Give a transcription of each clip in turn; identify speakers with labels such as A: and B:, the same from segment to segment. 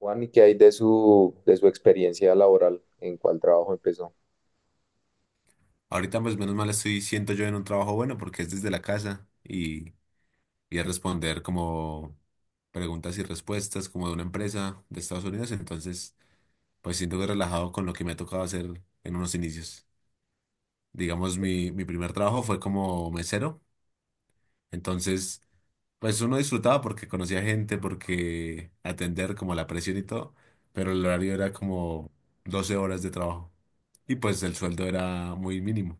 A: Juan, ¿y qué hay de su experiencia laboral? ¿En cuál trabajo empezó?
B: Ahorita pues menos mal estoy, siento yo en un trabajo bueno porque es desde la casa y es responder como preguntas y respuestas como de una empresa de Estados Unidos. Entonces pues siento que relajado con lo que me ha tocado hacer en unos inicios. Digamos, mi primer trabajo fue como mesero. Entonces pues uno disfrutaba porque conocía gente, porque atender como la presión y todo, pero el horario era como 12 horas de trabajo y pues el sueldo era muy mínimo.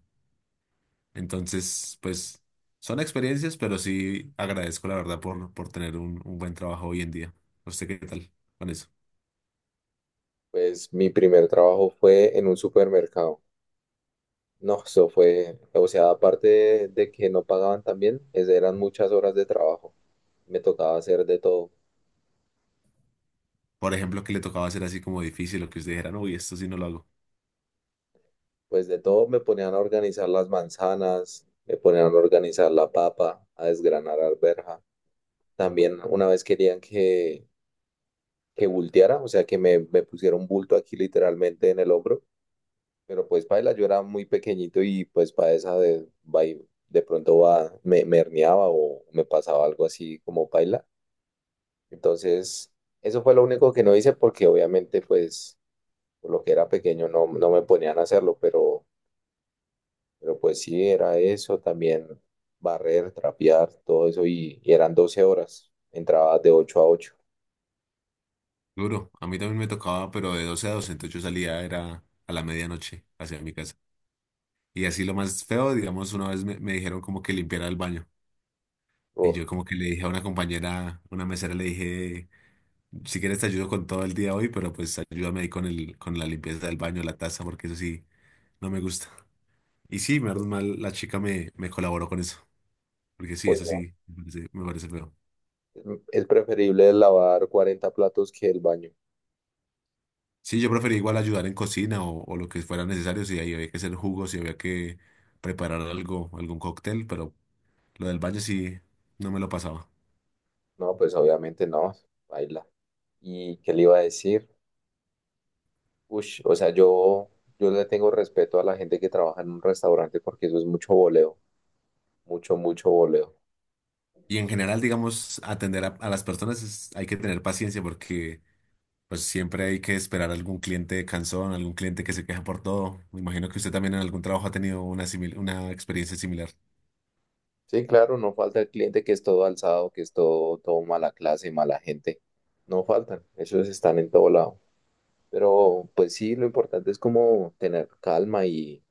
B: Entonces, pues son experiencias, pero sí agradezco la verdad por tener un buen trabajo hoy en día. ¿No sé qué tal con eso?
A: Pues mi primer trabajo fue en un supermercado. No, eso fue, o sea, aparte de que no pagaban tan bien, eran muchas horas de trabajo. Me tocaba hacer de todo.
B: Por ejemplo, que le tocaba hacer así como difícil, lo que usted dijera, "No, uy, esto sí no lo hago."
A: Pues de todo me ponían a organizar las manzanas, me ponían a organizar la papa, a desgranar arveja. También una vez querían que bulteara, o sea, que me pusiera un bulto aquí literalmente en el hombro. Pero pues paila, yo era muy pequeñito y pues para esa de, de pronto va, me herniaba o me pasaba algo así como paila. Entonces, eso fue lo único que no hice porque obviamente pues por lo que era pequeño no me ponían a hacerlo, pero pues sí, era eso también: barrer, trapear, todo eso y eran 12 horas, entraba de ocho a ocho.
B: Duro. A mí también me tocaba, pero de 12 a 12, entonces yo salía era a la medianoche hacia mi casa. Y así lo más feo, digamos, una vez me dijeron como que limpiara el baño. Y
A: Uf,
B: yo como que le dije a una compañera, una mesera, le dije, si quieres te ayudo con todo el día hoy, pero pues ayúdame ahí con la limpieza del baño, la taza, porque eso sí, no me gusta. Y sí, menos mal, la chica me colaboró con eso, porque sí,
A: uy,
B: eso
A: no.
B: sí, me parece feo.
A: Es es preferible lavar 40 platos que el baño.
B: Sí, yo prefería igual ayudar en cocina o lo que fuera necesario, si ahí había que hacer jugos, si había que preparar algo, algún cóctel, pero lo del baño sí, no me lo pasaba.
A: No, pues obviamente no, baila. ¿Y qué le iba a decir? Ush, o sea, yo le tengo respeto a la gente que trabaja en un restaurante porque eso es mucho voleo, mucho voleo.
B: Y en general, digamos, atender a las personas hay que tener paciencia porque pues siempre hay que esperar a algún cliente cansón, algún cliente que se queja por todo. Me imagino que usted también en algún trabajo ha tenido una experiencia similar.
A: Sí, claro, no falta el cliente que es todo alzado, que es todo, todo mala clase, mala gente. No faltan, esos están en todo lado. Pero pues sí, lo importante es como tener calma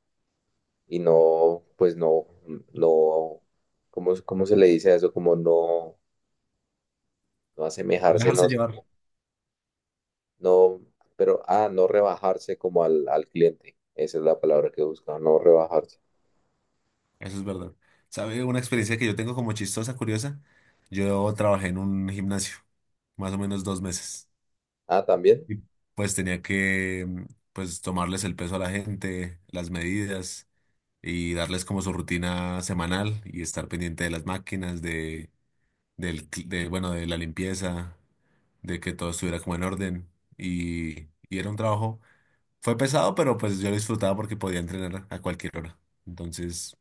A: y no, pues no, no, cómo se le dice a eso? Como no, no asemejarse,
B: Dejarse
A: no.
B: llevar.
A: No, pero, ah, no rebajarse como al cliente. Esa es la palabra que busca, no rebajarse.
B: Eso es verdad. ¿Sabe una experiencia que yo tengo como chistosa, curiosa? Yo trabajé en un gimnasio, más o menos 2 meses.
A: Ah, también.
B: Y pues tenía que, pues, tomarles el peso a la gente, las medidas y darles como su rutina semanal y estar pendiente de las máquinas, de, del, cl- de, bueno, de la limpieza, de que todo estuviera como en orden. Y era un trabajo, fue pesado, pero pues yo lo disfrutaba porque podía entrenar a cualquier hora. Entonces...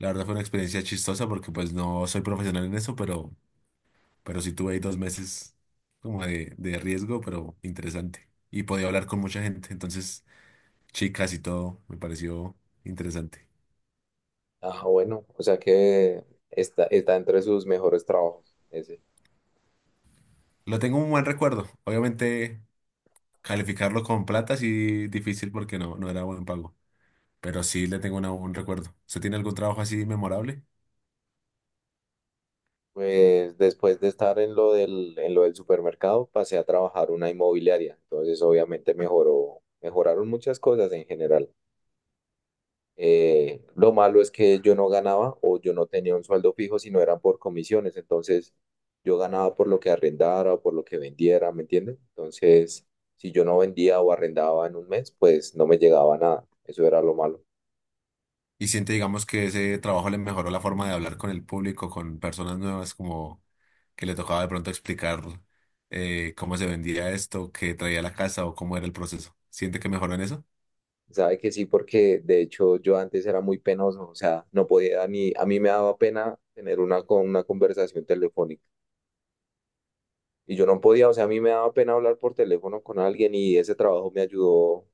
B: La verdad fue una experiencia chistosa porque pues no soy profesional en eso, pero sí tuve ahí 2 meses como de riesgo, pero interesante. Y podía hablar con mucha gente, entonces chicas y todo, me pareció interesante.
A: Ah, bueno, o sea que está entre sus mejores trabajos, ese.
B: Lo tengo un buen recuerdo. Obviamente calificarlo con plata sí difícil porque no, no era buen pago, pero sí le tengo un recuerdo. ¿Usted tiene algún trabajo así memorable?
A: Pues después de estar en lo del supermercado, pasé a trabajar una inmobiliaria. Entonces, obviamente mejoraron muchas cosas en general. Lo malo es que yo no ganaba o yo no tenía un sueldo fijo, sino eran por comisiones. Entonces, yo ganaba por lo que arrendara o por lo que vendiera, ¿me entiendes? Entonces, si yo no vendía o arrendaba en un mes, pues no me llegaba nada. Eso era lo malo.
B: Y siente, digamos, que ese trabajo le mejoró la forma de hablar con el público, con personas nuevas, como que le tocaba de pronto explicar cómo se vendía esto, qué traía la casa o cómo era el proceso. ¿Siente que mejoró en eso?
A: Sabe que sí, porque de hecho yo antes era muy penoso, o sea, no podía ni, a mí me daba pena tener una, con una conversación telefónica. Y yo no podía, o sea, a mí me daba pena hablar por teléfono con alguien y ese trabajo me ayudó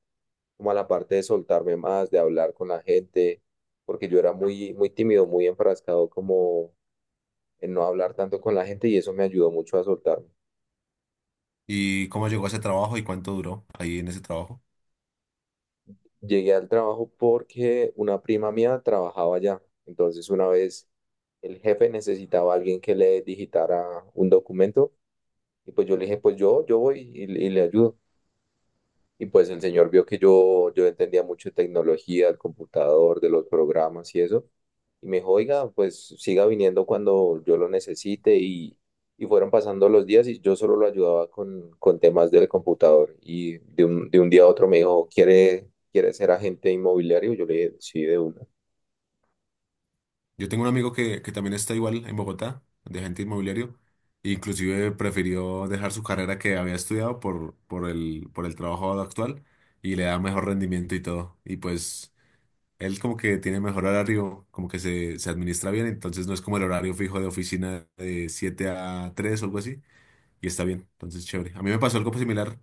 A: como a la parte de soltarme más, de hablar con la gente, porque yo era muy tímido, muy enfrascado como en no hablar tanto con la gente y eso me ayudó mucho a soltarme.
B: ¿Y cómo llegó a ese trabajo y cuánto duró ahí en ese trabajo?
A: Llegué al trabajo porque una prima mía trabajaba allá, entonces una vez el jefe necesitaba a alguien que le digitara un documento y pues yo le dije, pues yo voy y le ayudo. Y pues el señor vio que yo entendía mucho de tecnología, del computador, de los programas y eso. Y me dijo, oiga, pues siga viniendo cuando yo lo necesite. Y fueron pasando los días y yo solo lo ayudaba con temas del computador. Y de un día a otro me dijo, quiere ser agente inmobiliario? Yo le dije, sí, de una.
B: Yo tengo un amigo que también está igual en Bogotá, de agente inmobiliario, e inclusive prefirió dejar su carrera que había estudiado por el trabajo actual y le da mejor rendimiento y todo. Y pues él como que tiene mejor horario, como que se administra bien, entonces no es como el horario fijo de oficina de 7 a 3 o algo así, y está bien, entonces chévere. A mí me pasó algo similar.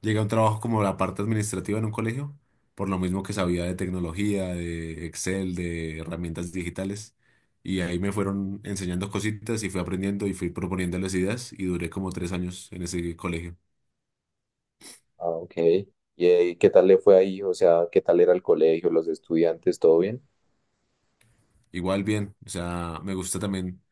B: Llegué a un trabajo como la parte administrativa en un colegio, por lo mismo que sabía de tecnología, de Excel, de herramientas digitales, y ahí me fueron enseñando cositas y fui aprendiendo y fui proponiendo las ideas y duré como 3 años en ese colegio.
A: Ah, ok. Y ¿qué tal le fue ahí? O sea, ¿qué tal era el colegio, los estudiantes, todo bien?
B: Igual bien, o sea, me gusta también,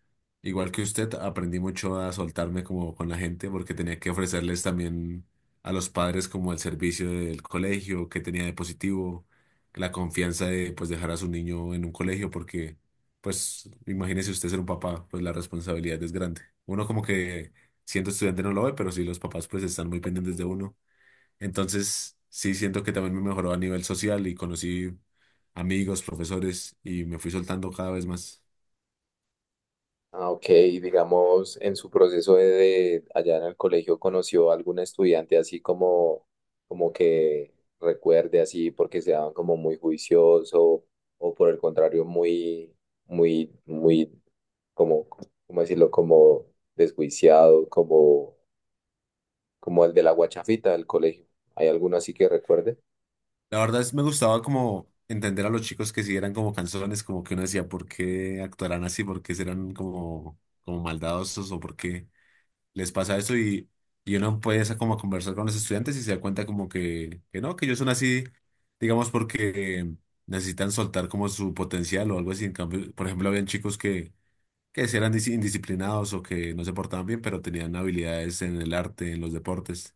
B: igual que usted, aprendí mucho a soltarme como con la gente porque tenía que ofrecerles también a los padres como el servicio del colegio, que tenía de positivo, la confianza de pues dejar a su niño en un colegio porque pues imagínese usted ser un papá, pues la responsabilidad es grande. Uno como que siendo estudiante no lo ve, pero sí los papás pues están muy pendientes de uno. Entonces, sí siento que también me mejoró a nivel social y conocí amigos, profesores y me fui soltando cada vez más.
A: Ah, ok. Y digamos, en su proceso de allá en el colegio, ¿conoció algún estudiante así como, como que recuerde así porque se daban como muy juicioso o por el contrario muy, muy, muy, como, ¿cómo decirlo? Como desjuiciado, como, como el de la guachafita del colegio. ¿Hay alguno así que recuerde?
B: La verdad es, me gustaba como entender a los chicos que si eran como canzones, como que uno decía, ¿por qué actuarán así? ¿Por qué serán como, como maldadosos o por qué les pasa eso? Y uno empieza como a conversar con los estudiantes y se da cuenta como que no, que ellos son así, digamos, porque necesitan soltar como su potencial o algo así. En cambio, por ejemplo, habían chicos que si eran indisciplinados o que no se portaban bien, pero tenían habilidades en el arte, en los deportes.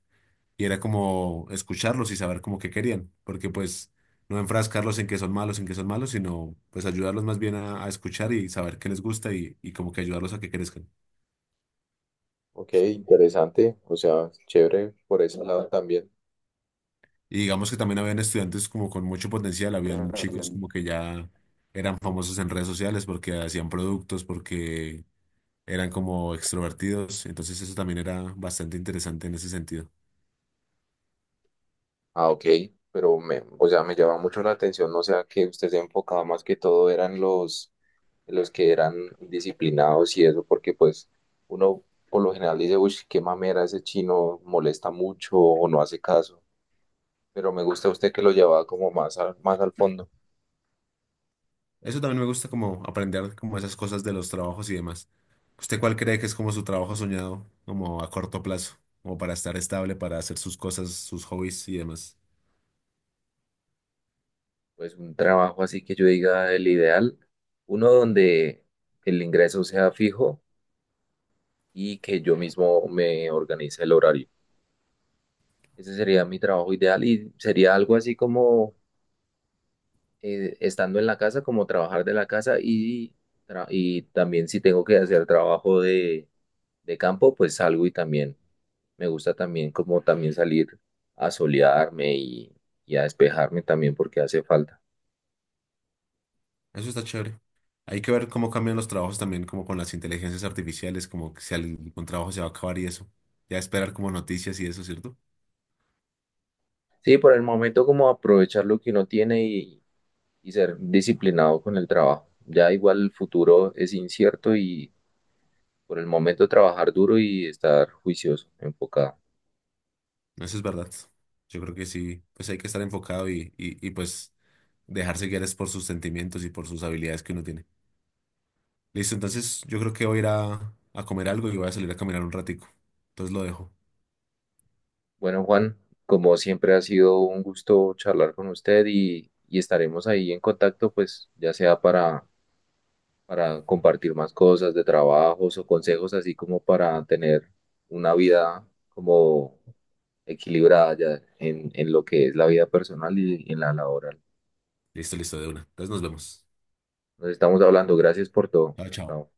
B: Y era como escucharlos y saber como qué querían, porque pues no enfrascarlos en que son malos, en que son malos, sino pues ayudarlos más bien a escuchar y saber qué les gusta y como que ayudarlos a que crezcan.
A: Ok, interesante. O sea, chévere por ese lado también.
B: Y digamos que también habían estudiantes como con mucho potencial, habían chicos como que ya eran famosos en redes sociales porque hacían productos, porque eran como extrovertidos, entonces eso también era bastante interesante en ese sentido.
A: Ah, ok, pero me, o sea, me llama mucho la atención, o sea, que usted se enfocaba más que todo eran los que eran disciplinados y eso, porque pues uno por lo general dice, uy, qué mamera ese chino, molesta mucho o no hace caso, pero me gusta usted que lo llevaba como más al fondo.
B: Eso también me gusta como aprender como esas cosas de los trabajos y demás. ¿Usted cuál cree que es como su trabajo soñado, como a corto plazo, como para estar estable, para hacer sus cosas, sus hobbies y demás?
A: Pues un trabajo así que yo diga el ideal, uno donde el ingreso sea fijo y que yo mismo me organice el horario. Ese sería mi trabajo ideal y sería algo así como estando en la casa, como trabajar de la casa y, y también si tengo que hacer trabajo de campo, pues salgo y también me gusta también como también salir a solearme y a despejarme también porque hace falta.
B: Eso está chévere. Hay que ver cómo cambian los trabajos también, como con las inteligencias artificiales, como que si algún trabajo se va a acabar y eso. Ya esperar como noticias y eso, ¿cierto?
A: Sí, por el momento como aprovechar lo que uno tiene y ser disciplinado con el trabajo. Ya igual el futuro es incierto y por el momento trabajar duro y estar juicioso, enfocado.
B: Eso es verdad. Yo creo que sí, pues hay que estar enfocado y pues dejarse guiar es por sus sentimientos y por sus habilidades que uno tiene. Listo, entonces yo creo que voy a ir a comer algo y voy a salir a caminar un ratico. Entonces lo dejo.
A: Bueno, Juan, como siempre ha sido un gusto charlar con usted y estaremos ahí en contacto, pues ya sea para compartir más cosas de trabajos o consejos, así como para tener una vida como equilibrada ya en lo que es la vida personal y en la laboral.
B: Listo, listo, de una. Entonces nos vemos.
A: Nos estamos hablando. Gracias por todo.
B: Chao, chao.
A: Chao.